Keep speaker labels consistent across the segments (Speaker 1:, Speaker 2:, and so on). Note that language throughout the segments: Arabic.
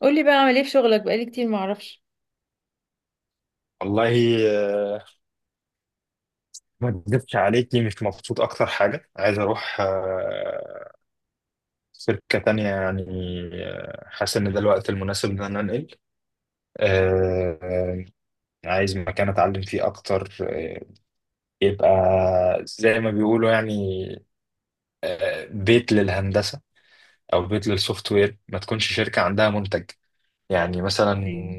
Speaker 1: قولي بقى اعمل ايه في شغلك بقالي كتير معرفش.
Speaker 2: والله آه، ما اكذبش عليكي. مش مبسوط، اكتر حاجه عايز اروح شركه تانية يعني. حاسس ان ده الوقت المناسب ان انا انقل. آه، آه، عايز مكان اتعلم فيه اكتر. يبقى زي ما بيقولوا يعني بيت للهندسه او بيت للسوفت وير، ما تكونش شركه عندها منتج يعني مثلا.
Speaker 1: أيوة.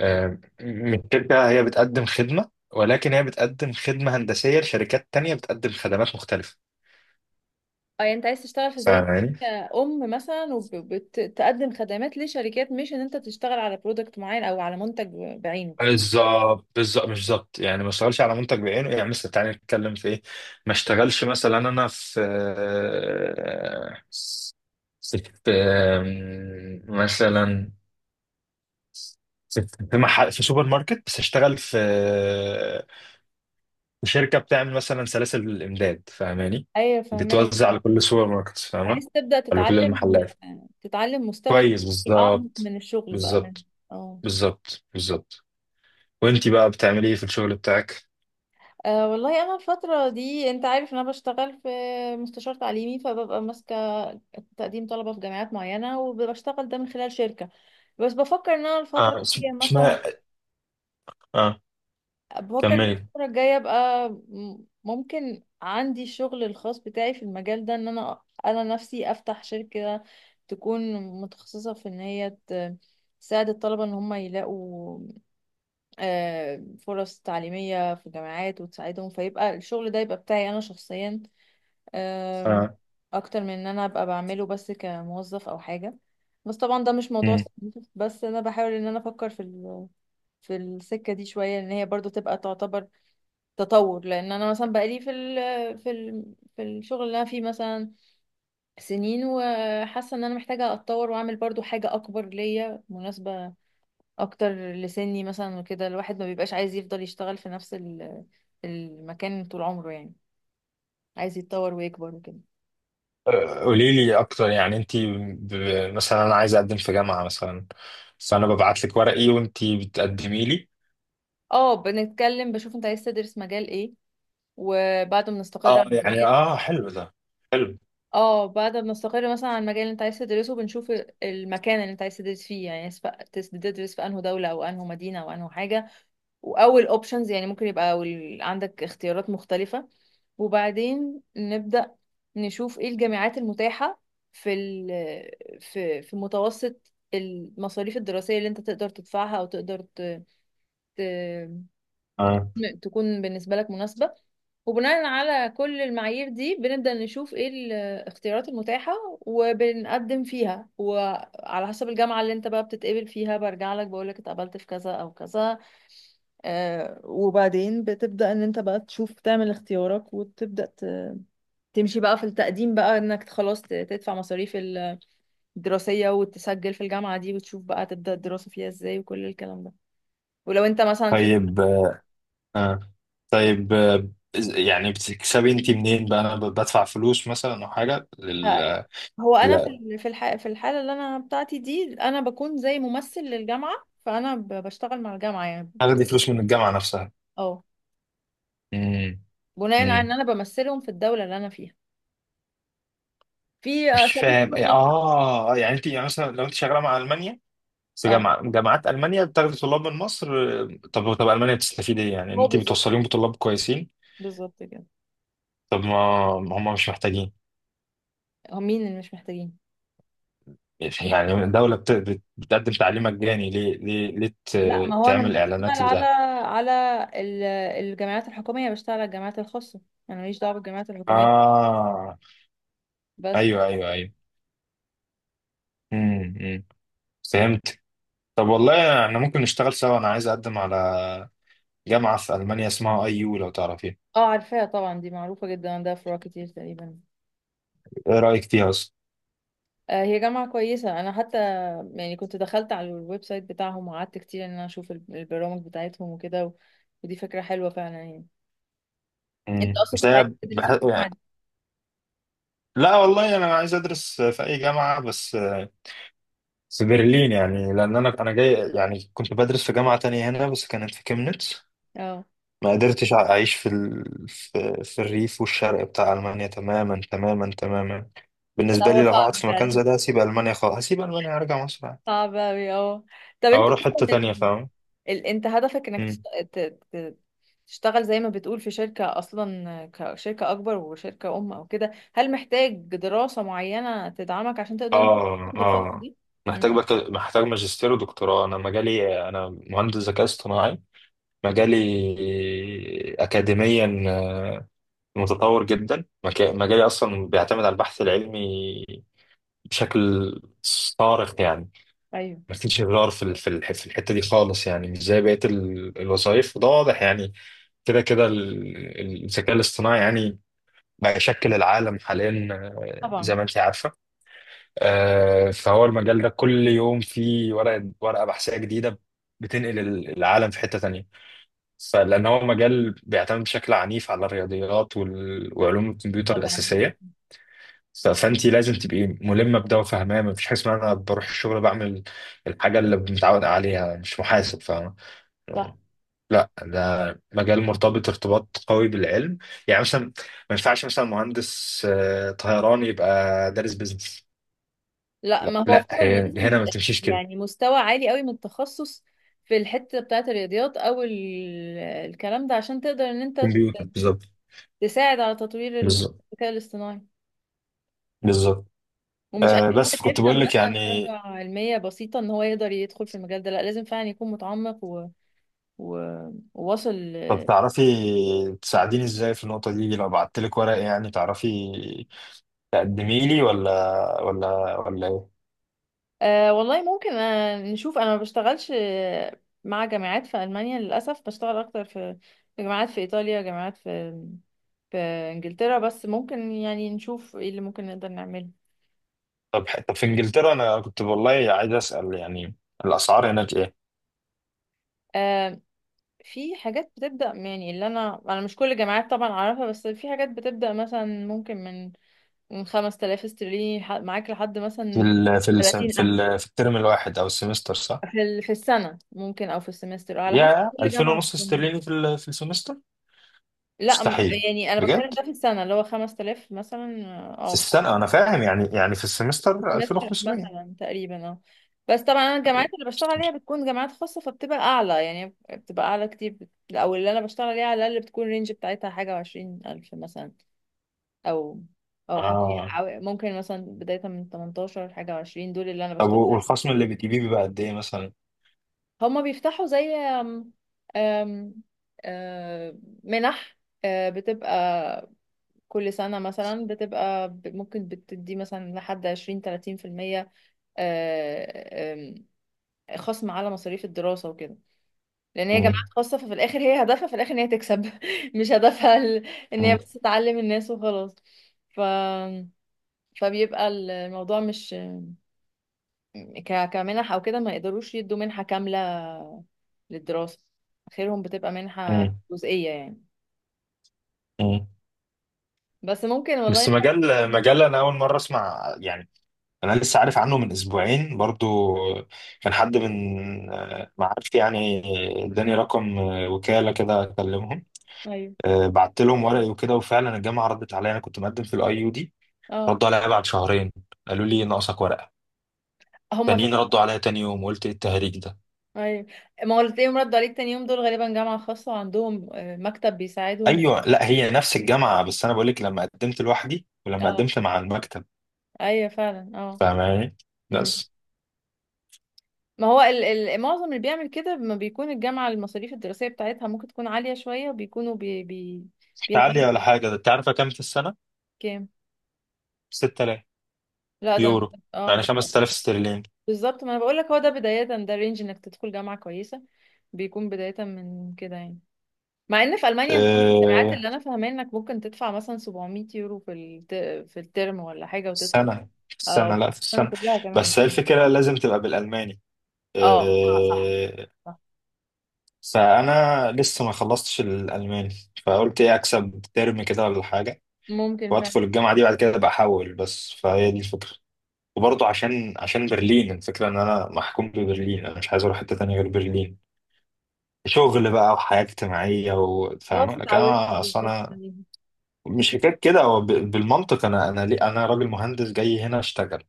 Speaker 2: آه، الشركه هي بتقدم خدمه، ولكن هي بتقدم خدمة هندسية لشركات تانية بتقدم خدمات مختلفة.
Speaker 1: اه يعني انت عايز تشتغل في
Speaker 2: فاهم
Speaker 1: زي
Speaker 2: يعني؟
Speaker 1: شركة ام مثلا وبتقدم خدمات لشركات مش ان انت تشتغل على برودكت معين او على منتج بعينه.
Speaker 2: بالظبط بالظبط، مش بالظبط يعني. ما اشتغلش على منتج بعينه يعني، مثلا تعالى نتكلم في ايه. ما اشتغلش مثلا انا في مثلا في في محل، في سوبر ماركت، بس اشتغل في شركه بتعمل مثلا سلاسل الامداد، فاهماني؟
Speaker 1: ايوه فهماك
Speaker 2: بتوزع
Speaker 1: اه.
Speaker 2: لكل السوبر ماركت، فاهمه؟
Speaker 1: بحيث تبدأ
Speaker 2: ولا كل
Speaker 1: تتعلم
Speaker 2: المحلات؟
Speaker 1: تتعلم مستوى
Speaker 2: كويس
Speaker 1: تاني اعمق
Speaker 2: بالظبط،
Speaker 1: من الشغل بقى من
Speaker 2: بالظبط
Speaker 1: اه.
Speaker 2: بالظبط بالظبط. وانتي بقى بتعملي ايه في الشغل بتاعك؟
Speaker 1: والله انا الفترة دي انت عارف ان انا بشتغل في مستشار تعليمي فببقى ماسكة تقديم طلبة في جامعات معينة وبشتغل ده من خلال شركة. بس بفكر ان انا الفترة الجاية مثلا،
Speaker 2: اسماء، اه
Speaker 1: بفكر إن
Speaker 2: كملي.
Speaker 1: الفترة الجاية ابقى ممكن عندي الشغل الخاص بتاعي في المجال ده ان انا نفسي افتح شركة تكون متخصصة في ان هي تساعد الطلبة ان هم يلاقوا فرص تعليمية في الجامعات وتساعدهم، فيبقى الشغل ده يبقى بتاعي انا شخصيا، آم،
Speaker 2: آه.
Speaker 1: اكتر من ان انا ابقى بعمله بس كموظف او حاجة. بس طبعا ده مش موضوع
Speaker 2: مم.
Speaker 1: سخيف، بس انا بحاول ان انا افكر في في السكة دي شوية، ان هي برضو تبقى تعتبر تطور، لان انا مثلا بقالي في ال في الشغل اللي انا فيه مثلا سنين، وحاسه ان انا محتاجه اتطور واعمل برضو حاجه اكبر ليا مناسبه اكتر لسني مثلا، وكده الواحد ما بيبقاش عايز يفضل يشتغل في نفس المكان طول عمره يعني، عايز يتطور ويكبر وكده.
Speaker 2: قولي لي اكتر، يعني انت مثلا انا عايز اقدم في جامعه مثلا، فانا ببعت لك ورقي وانت بتقدمي لي؟
Speaker 1: اه بنتكلم بشوف انت عايز تدرس مجال ايه، وبعد ما نستقر
Speaker 2: اه
Speaker 1: على
Speaker 2: يعني
Speaker 1: المجال.
Speaker 2: حلو ده، حلو.
Speaker 1: اه بعد ما نستقر مثلا على المجال اللي انت عايز تدرسه، بنشوف المكان اللي انت عايز تدرس فيه يعني، سواء تدرس في انهي دولة او انهي مدينة او انهي حاجة، واول اوبشنز يعني ممكن يبقى عندك اختيارات مختلفة. وبعدين نبدأ نشوف ايه الجامعات المتاحة في ال في في متوسط المصاريف الدراسية اللي انت تقدر تدفعها او تقدر ت-
Speaker 2: اه
Speaker 1: تكون بالنسبة لك مناسبة. وبناء على كل المعايير دي بنبدأ نشوف ايه الاختيارات المتاحة وبنقدم فيها، وعلى حسب الجامعة اللي انت بقى بتتقبل فيها برجع لك بقول لك اتقبلت في كذا او كذا. وبعدين بتبدأ ان انت بقى تشوف تعمل اختيارك، وتبدأ تمشي بقى في التقديم بقى انك خلاص تدفع مصاريف الدراسية وتسجل في الجامعة دي، وتشوف بقى تبدأ الدراسة فيها ازاي وكل الكلام ده. ولو انت مثلا في،
Speaker 2: طيب. آه. طيب يعني بتكسبي انت منين بقى؟ انا بدفع فلوس مثلا او حاجه
Speaker 1: هو انا
Speaker 2: لا،
Speaker 1: في الحاله اللي انا بتاعتي دي انا بكون زي ممثل للجامعه، فانا بشتغل مع الجامعه يعني.
Speaker 2: اخدي فلوس من الجامعه نفسها؟
Speaker 1: اه
Speaker 2: مم.
Speaker 1: بناء على ان
Speaker 2: مم.
Speaker 1: انا بمثلهم في الدوله اللي انا فيها في
Speaker 2: مش
Speaker 1: اساليب
Speaker 2: فاهم.
Speaker 1: شغل.
Speaker 2: اه يعني انت يعني مثلا لو انت شغاله مع المانيا، بس
Speaker 1: اه
Speaker 2: جامعات ألمانيا بتاخد طلاب من مصر، طب طب ألمانيا بتستفيد إيه يعني إن
Speaker 1: هو
Speaker 2: أنت
Speaker 1: بالظبط
Speaker 2: بتوصليهم بطلاب كويسين؟
Speaker 1: بالظبط كده.
Speaker 2: طب ما هم مش محتاجين؟
Speaker 1: هو مين اللي مش محتاجين؟
Speaker 2: يعني الدولة بتقدم تعليم مجاني. ليه ليه ليه
Speaker 1: لا ما هو انا مش
Speaker 2: تعمل
Speaker 1: بشتغل
Speaker 2: إعلانات
Speaker 1: على،
Speaker 2: لده؟
Speaker 1: على ال- الجامعات الحكوميه، بشتغل على الجامعات الخاصه، انا ماليش دعوه بالجامعات الحكوميه
Speaker 2: آه
Speaker 1: بس.
Speaker 2: أيوه أيوه أيوه. أمم. فهمت. طب والله، إحنا ممكن نشتغل سوا، أنا عايز أقدم على جامعة في ألمانيا اسمها أي يو، لو تعرفيها.
Speaker 1: اه عارفاها طبعا دي معروفه جدا عندها فروع كتير تقريبا.
Speaker 2: إيه رأيك فيها أصلا؟
Speaker 1: هي جامعة كويسة، أنا حتى يعني كنت دخلت على الويب سايت بتاعهم وقعدت كتير إن أنا أشوف البرامج بتاعتهم وكده، و... ودي فكرة حلوة فعلا يعني. أنت أصلا
Speaker 2: بس
Speaker 1: كنت عايز
Speaker 2: هي
Speaker 1: تدرس في الجامعة
Speaker 2: يعني،
Speaker 1: دي؟
Speaker 2: لا والله أنا عايز أدرس في أي جامعة بس، بس برلين يعني. لان انا جاي يعني، كنت بدرس في جامعه تانية هنا بس كانت في كيمنتس.
Speaker 1: اه
Speaker 2: ما قدرتش اعيش في الريف والشرق بتاع المانيا. تماما تماما تماما
Speaker 1: لا
Speaker 2: بالنسبه
Speaker 1: هو
Speaker 2: لي، لو
Speaker 1: صعب
Speaker 2: هقعد في مكان
Speaker 1: فعلا،
Speaker 2: زي ده هسيب المانيا خالص، هسيب المانيا هرجع مصر عادي،
Speaker 1: صعب أوي اه. طب
Speaker 2: او
Speaker 1: أنت
Speaker 2: اروح
Speaker 1: أصلا
Speaker 2: حته تانية، فاهم؟
Speaker 1: أنت هدفك إنك
Speaker 2: مم.
Speaker 1: ت... ت... تشتغل زي ما بتقول في شركة أصلا، كشركة أكبر وشركة أم أو كده، هل محتاج دراسة معينة تدعمك عشان تقدر إن أنت
Speaker 2: اه
Speaker 1: تاخد الخطوة
Speaker 2: اه،
Speaker 1: دي؟ مم.
Speaker 2: محتاج محتاج ماجستير ودكتوراه. انا مجالي، انا مهندس ذكاء اصطناعي، مجالي اكاديميا متطور جدا. مجالي اصلا بيعتمد على البحث العلمي بشكل صارخ يعني.
Speaker 1: أيوه
Speaker 2: ما فيش غيار في الحته دي خالص، يعني مش زي بقيه الوظائف، وده واضح يعني. كده كده الذكاء الاصطناعي يعني بقى يشكل العالم حاليا،
Speaker 1: طبعا
Speaker 2: زي ما انت عارفه. فهو المجال ده كل يوم فيه ورقه بحثيه جديده بتنقل العالم في حته تانيه. فلان هو مجال بيعتمد بشكل عنيف على الرياضيات وعلوم الكمبيوتر
Speaker 1: طبعا
Speaker 2: الاساسيه. فانت لازم تبقي ملمه بده وفاهماه. مفيش حاجه اسمها انا بروح الشغل بعمل الحاجه اللي متعود عليها، مش محاسب فاهم.
Speaker 1: صح.
Speaker 2: لا، ده مجال مرتبط ارتباط قوي بالعلم. يعني مثلا ما ينفعش مثلا مهندس طيران يبقى دارس بيزنس.
Speaker 1: لا
Speaker 2: لا
Speaker 1: ما هو
Speaker 2: لا،
Speaker 1: فعلا
Speaker 2: هي
Speaker 1: لازم
Speaker 2: هنا ما
Speaker 1: يبقى
Speaker 2: تمشيش كده.
Speaker 1: يعني مستوى عالي قوي من التخصص في الحتة بتاعة الرياضيات او الكلام ده عشان تقدر ان انت
Speaker 2: كمبيوتر بالظبط.
Speaker 1: تساعد على تطوير
Speaker 2: بالظبط
Speaker 1: الذكاء الاصطناعي.
Speaker 2: بالظبط.
Speaker 1: ومش اي حد
Speaker 2: بس كنت
Speaker 1: بيفهم
Speaker 2: بقول لك
Speaker 1: مثلا
Speaker 2: يعني،
Speaker 1: درجة علمية بسيطة ان هو يقدر يدخل في المجال ده، لا لازم فعلا يكون متعمق و... وواصل.
Speaker 2: طب تعرفي تساعديني ازاي في النقطة دي، لو بعت لك ورق يعني تعرفي تقدمي لي ولا ايه؟
Speaker 1: والله ممكن، نشوف. انا ما بشتغلش مع جامعات في ألمانيا للأسف، بشتغل اكتر في، جامعات في إيطاليا، جامعات في، في انجلترا، بس ممكن يعني نشوف ايه اللي ممكن نقدر نعمله.
Speaker 2: طب في انجلترا، انا كنت والله عايز اسال يعني الاسعار هناك ايه؟
Speaker 1: آه في حاجات بتبدأ، يعني اللي انا مش كل الجامعات طبعا اعرفها، بس في حاجات بتبدأ مثلا ممكن من 5000 استرليني معاك لحد مثلا 30,000
Speaker 2: في الترم الواحد او السمستر صح؟
Speaker 1: في السنة، ممكن او في السمستر على حسب
Speaker 2: يا
Speaker 1: كل
Speaker 2: 2000
Speaker 1: جامعة
Speaker 2: ونص
Speaker 1: بتنظمها.
Speaker 2: استرليني في السمستر؟
Speaker 1: لا
Speaker 2: مستحيل،
Speaker 1: يعني انا بتكلم
Speaker 2: بجد؟
Speaker 1: ده في السنة، اللي هو 5000 مثلا.
Speaker 2: في
Speaker 1: اه
Speaker 2: السنه انا فاهم يعني. في السمستر
Speaker 1: سمستر
Speaker 2: 2500؟
Speaker 1: مثلا تقريبا اه. بس طبعا انا الجامعات اللي بشتغل عليها بتكون جامعات خاصه، فبتبقى اعلى يعني، بتبقى اعلى كتير او اللي انا بشتغل عليها على الاقل بتكون الرينج بتاعتها حاجه وعشرين الف مثلا، او، او حوالي
Speaker 2: اه.
Speaker 1: ممكن مثلا بدايه من 18 لحاجه وعشرين، دول اللي انا
Speaker 2: طب
Speaker 1: بشتغل عليهم.
Speaker 2: والخصم اللي بتجيبيه بيبقى قد ايه مثلا؟
Speaker 1: هما بيفتحوا زي أم أم آه، منح، بتبقى كل سنة مثلا، بتبقى ممكن بتدي مثلا لحد عشرين تلاتين في المية خصم على مصاريف الدراسة وكده. لأن هي جامعات
Speaker 2: مم.
Speaker 1: خاصة، ففي الآخر هي هدفها في الآخر إن هي تكسب مش هدفها إن هي
Speaker 2: مم.
Speaker 1: بس تعلم الناس وخلاص. ف فبيبقى الموضوع مش كمنح أو كده، ما يقدروش يدوا منحة كاملة للدراسة، آخرهم بتبقى منحة
Speaker 2: مم.
Speaker 1: جزئية يعني.
Speaker 2: مم.
Speaker 1: بس ممكن والله
Speaker 2: بس
Speaker 1: حاجة.
Speaker 2: مجال انا اول مره اسمع يعني، انا لسه عارف عنه من اسبوعين برضو. كان حد من معارفي يعني، اداني رقم وكالة كده اكلمهم.
Speaker 1: أيوه
Speaker 2: بعت لهم ورقي وكده، وفعلا الجامعة ردت عليا. انا كنت مقدم في الاي يو دي،
Speaker 1: اه.
Speaker 2: ردوا عليا بعد شهرين قالوا لي ناقصك ورقة،
Speaker 1: هما ف...
Speaker 2: تانيين ردوا عليا تاني يوم، وقلت ايه التهريج ده.
Speaker 1: أيوه، ما هو اللي تلاقيهم ردوا عليك تاني يوم دول غالبا جامعة خاصة وعندهم مكتب بيساعدهم.
Speaker 2: ايوه، لا هي نفس الجامعة، بس انا بقول لك لما قدمت لوحدي ولما
Speaker 1: اه
Speaker 2: قدمت مع المكتب،
Speaker 1: أيوه فعلا اه.
Speaker 2: فاهماني؟
Speaker 1: إمم.
Speaker 2: بس
Speaker 1: ما هو معظم اللي بيعمل كده ما بيكون الجامعة المصاريف الدراسية بتاعتها ممكن تكون عالية شوية، وبيكونوا بي بي
Speaker 2: مش
Speaker 1: بيهتموا.
Speaker 2: عالية ولا حاجة. ده انت عارفة كام في السنة؟
Speaker 1: كام؟
Speaker 2: 6000
Speaker 1: لا ده،
Speaker 2: يورو،
Speaker 1: اه
Speaker 2: يعني
Speaker 1: ده
Speaker 2: 5000 استرليني.
Speaker 1: بالظبط، ما انا بقول لك هو ده بداية، ده رينج انك تدخل جامعة كويسة بيكون بداية من كده يعني. مع ان في المانيا انت عارف الجامعات
Speaker 2: آه،
Speaker 1: اللي انا فاهماه انك ممكن تدفع مثلا 700 يورو في الترم ولا حاجة وتدخل.
Speaker 2: السنة، في
Speaker 1: اه
Speaker 2: السنة، لا في
Speaker 1: السنة
Speaker 2: السنة.
Speaker 1: كلها كمان.
Speaker 2: بس هي الفكرة لازم تبقى بالألماني،
Speaker 1: اه صح
Speaker 2: إيه،
Speaker 1: صح،
Speaker 2: فأنا لسه ما خلصتش الألماني، فقلت إيه أكسب ترم كده ولا حاجة،
Speaker 1: ممكن فعلا.
Speaker 2: وأدخل الجامعة دي بعد كده أبقى أحول، بس فهي دي الفكرة. وبرضه عشان برلين، الفكرة إن أنا محكوم ببرلين، أنا مش عايز أروح حتة تانية غير برلين، شغل بقى وحياة اجتماعية وفاهم.
Speaker 1: خلاص
Speaker 2: لكن
Speaker 1: اتعودت
Speaker 2: أنا، أصل
Speaker 1: بالظبط.
Speaker 2: أنا مش حكاية كده، هو بالمنطق أنا، ليه أنا راجل مهندس جاي هنا أشتغل،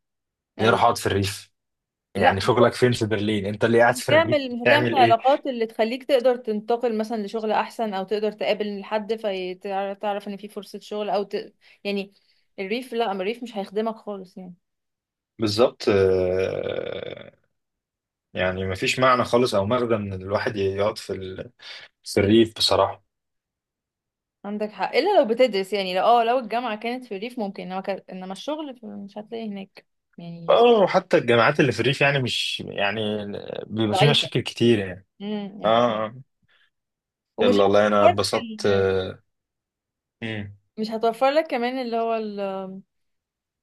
Speaker 2: ليه أروح
Speaker 1: ايوه.
Speaker 2: أقعد في الريف؟
Speaker 1: لا
Speaker 2: يعني شغلك فين في برلين؟ انت اللي قاعد
Speaker 1: مش
Speaker 2: في برلين
Speaker 1: هتعمل،
Speaker 2: تعمل ايه.
Speaker 1: العلاقات اللي تخليك تقدر تنتقل مثلا لشغل احسن، او تقدر تقابل حد فتعرف ان في فرصة شغل او يعني الريف لا، اما الريف مش هيخدمك خالص يعني.
Speaker 2: بالظبط يعني مفيش معنى خالص او مغزى من الواحد يقعد في الريف بصراحه.
Speaker 1: عندك حق الا لو بتدرس، يعني لو لو الجامعة كانت في الريف ممكن، انما انما الشغل مش هتلاقي هناك يعني
Speaker 2: اه، وحتى الجامعات اللي في الريف يعني، مش يعني بيبقى في
Speaker 1: ضعيفة.
Speaker 2: مشاكل كتير يعني. اه.
Speaker 1: اكيد.
Speaker 2: آه.
Speaker 1: ومش
Speaker 2: يلا والله انا
Speaker 1: هتوفر لك
Speaker 2: اتبسطت مم.
Speaker 1: مش هتوفر لك كمان اللي هو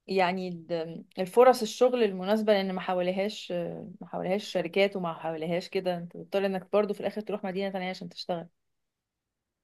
Speaker 1: يعني الفرص الشغل المناسبة، لأن ما حواليهاش، ما حواليهاش شركات، وما حواليهاش كده أنت بتضطر إنك برضو في الآخر تروح مدينة تانية عشان تشتغل.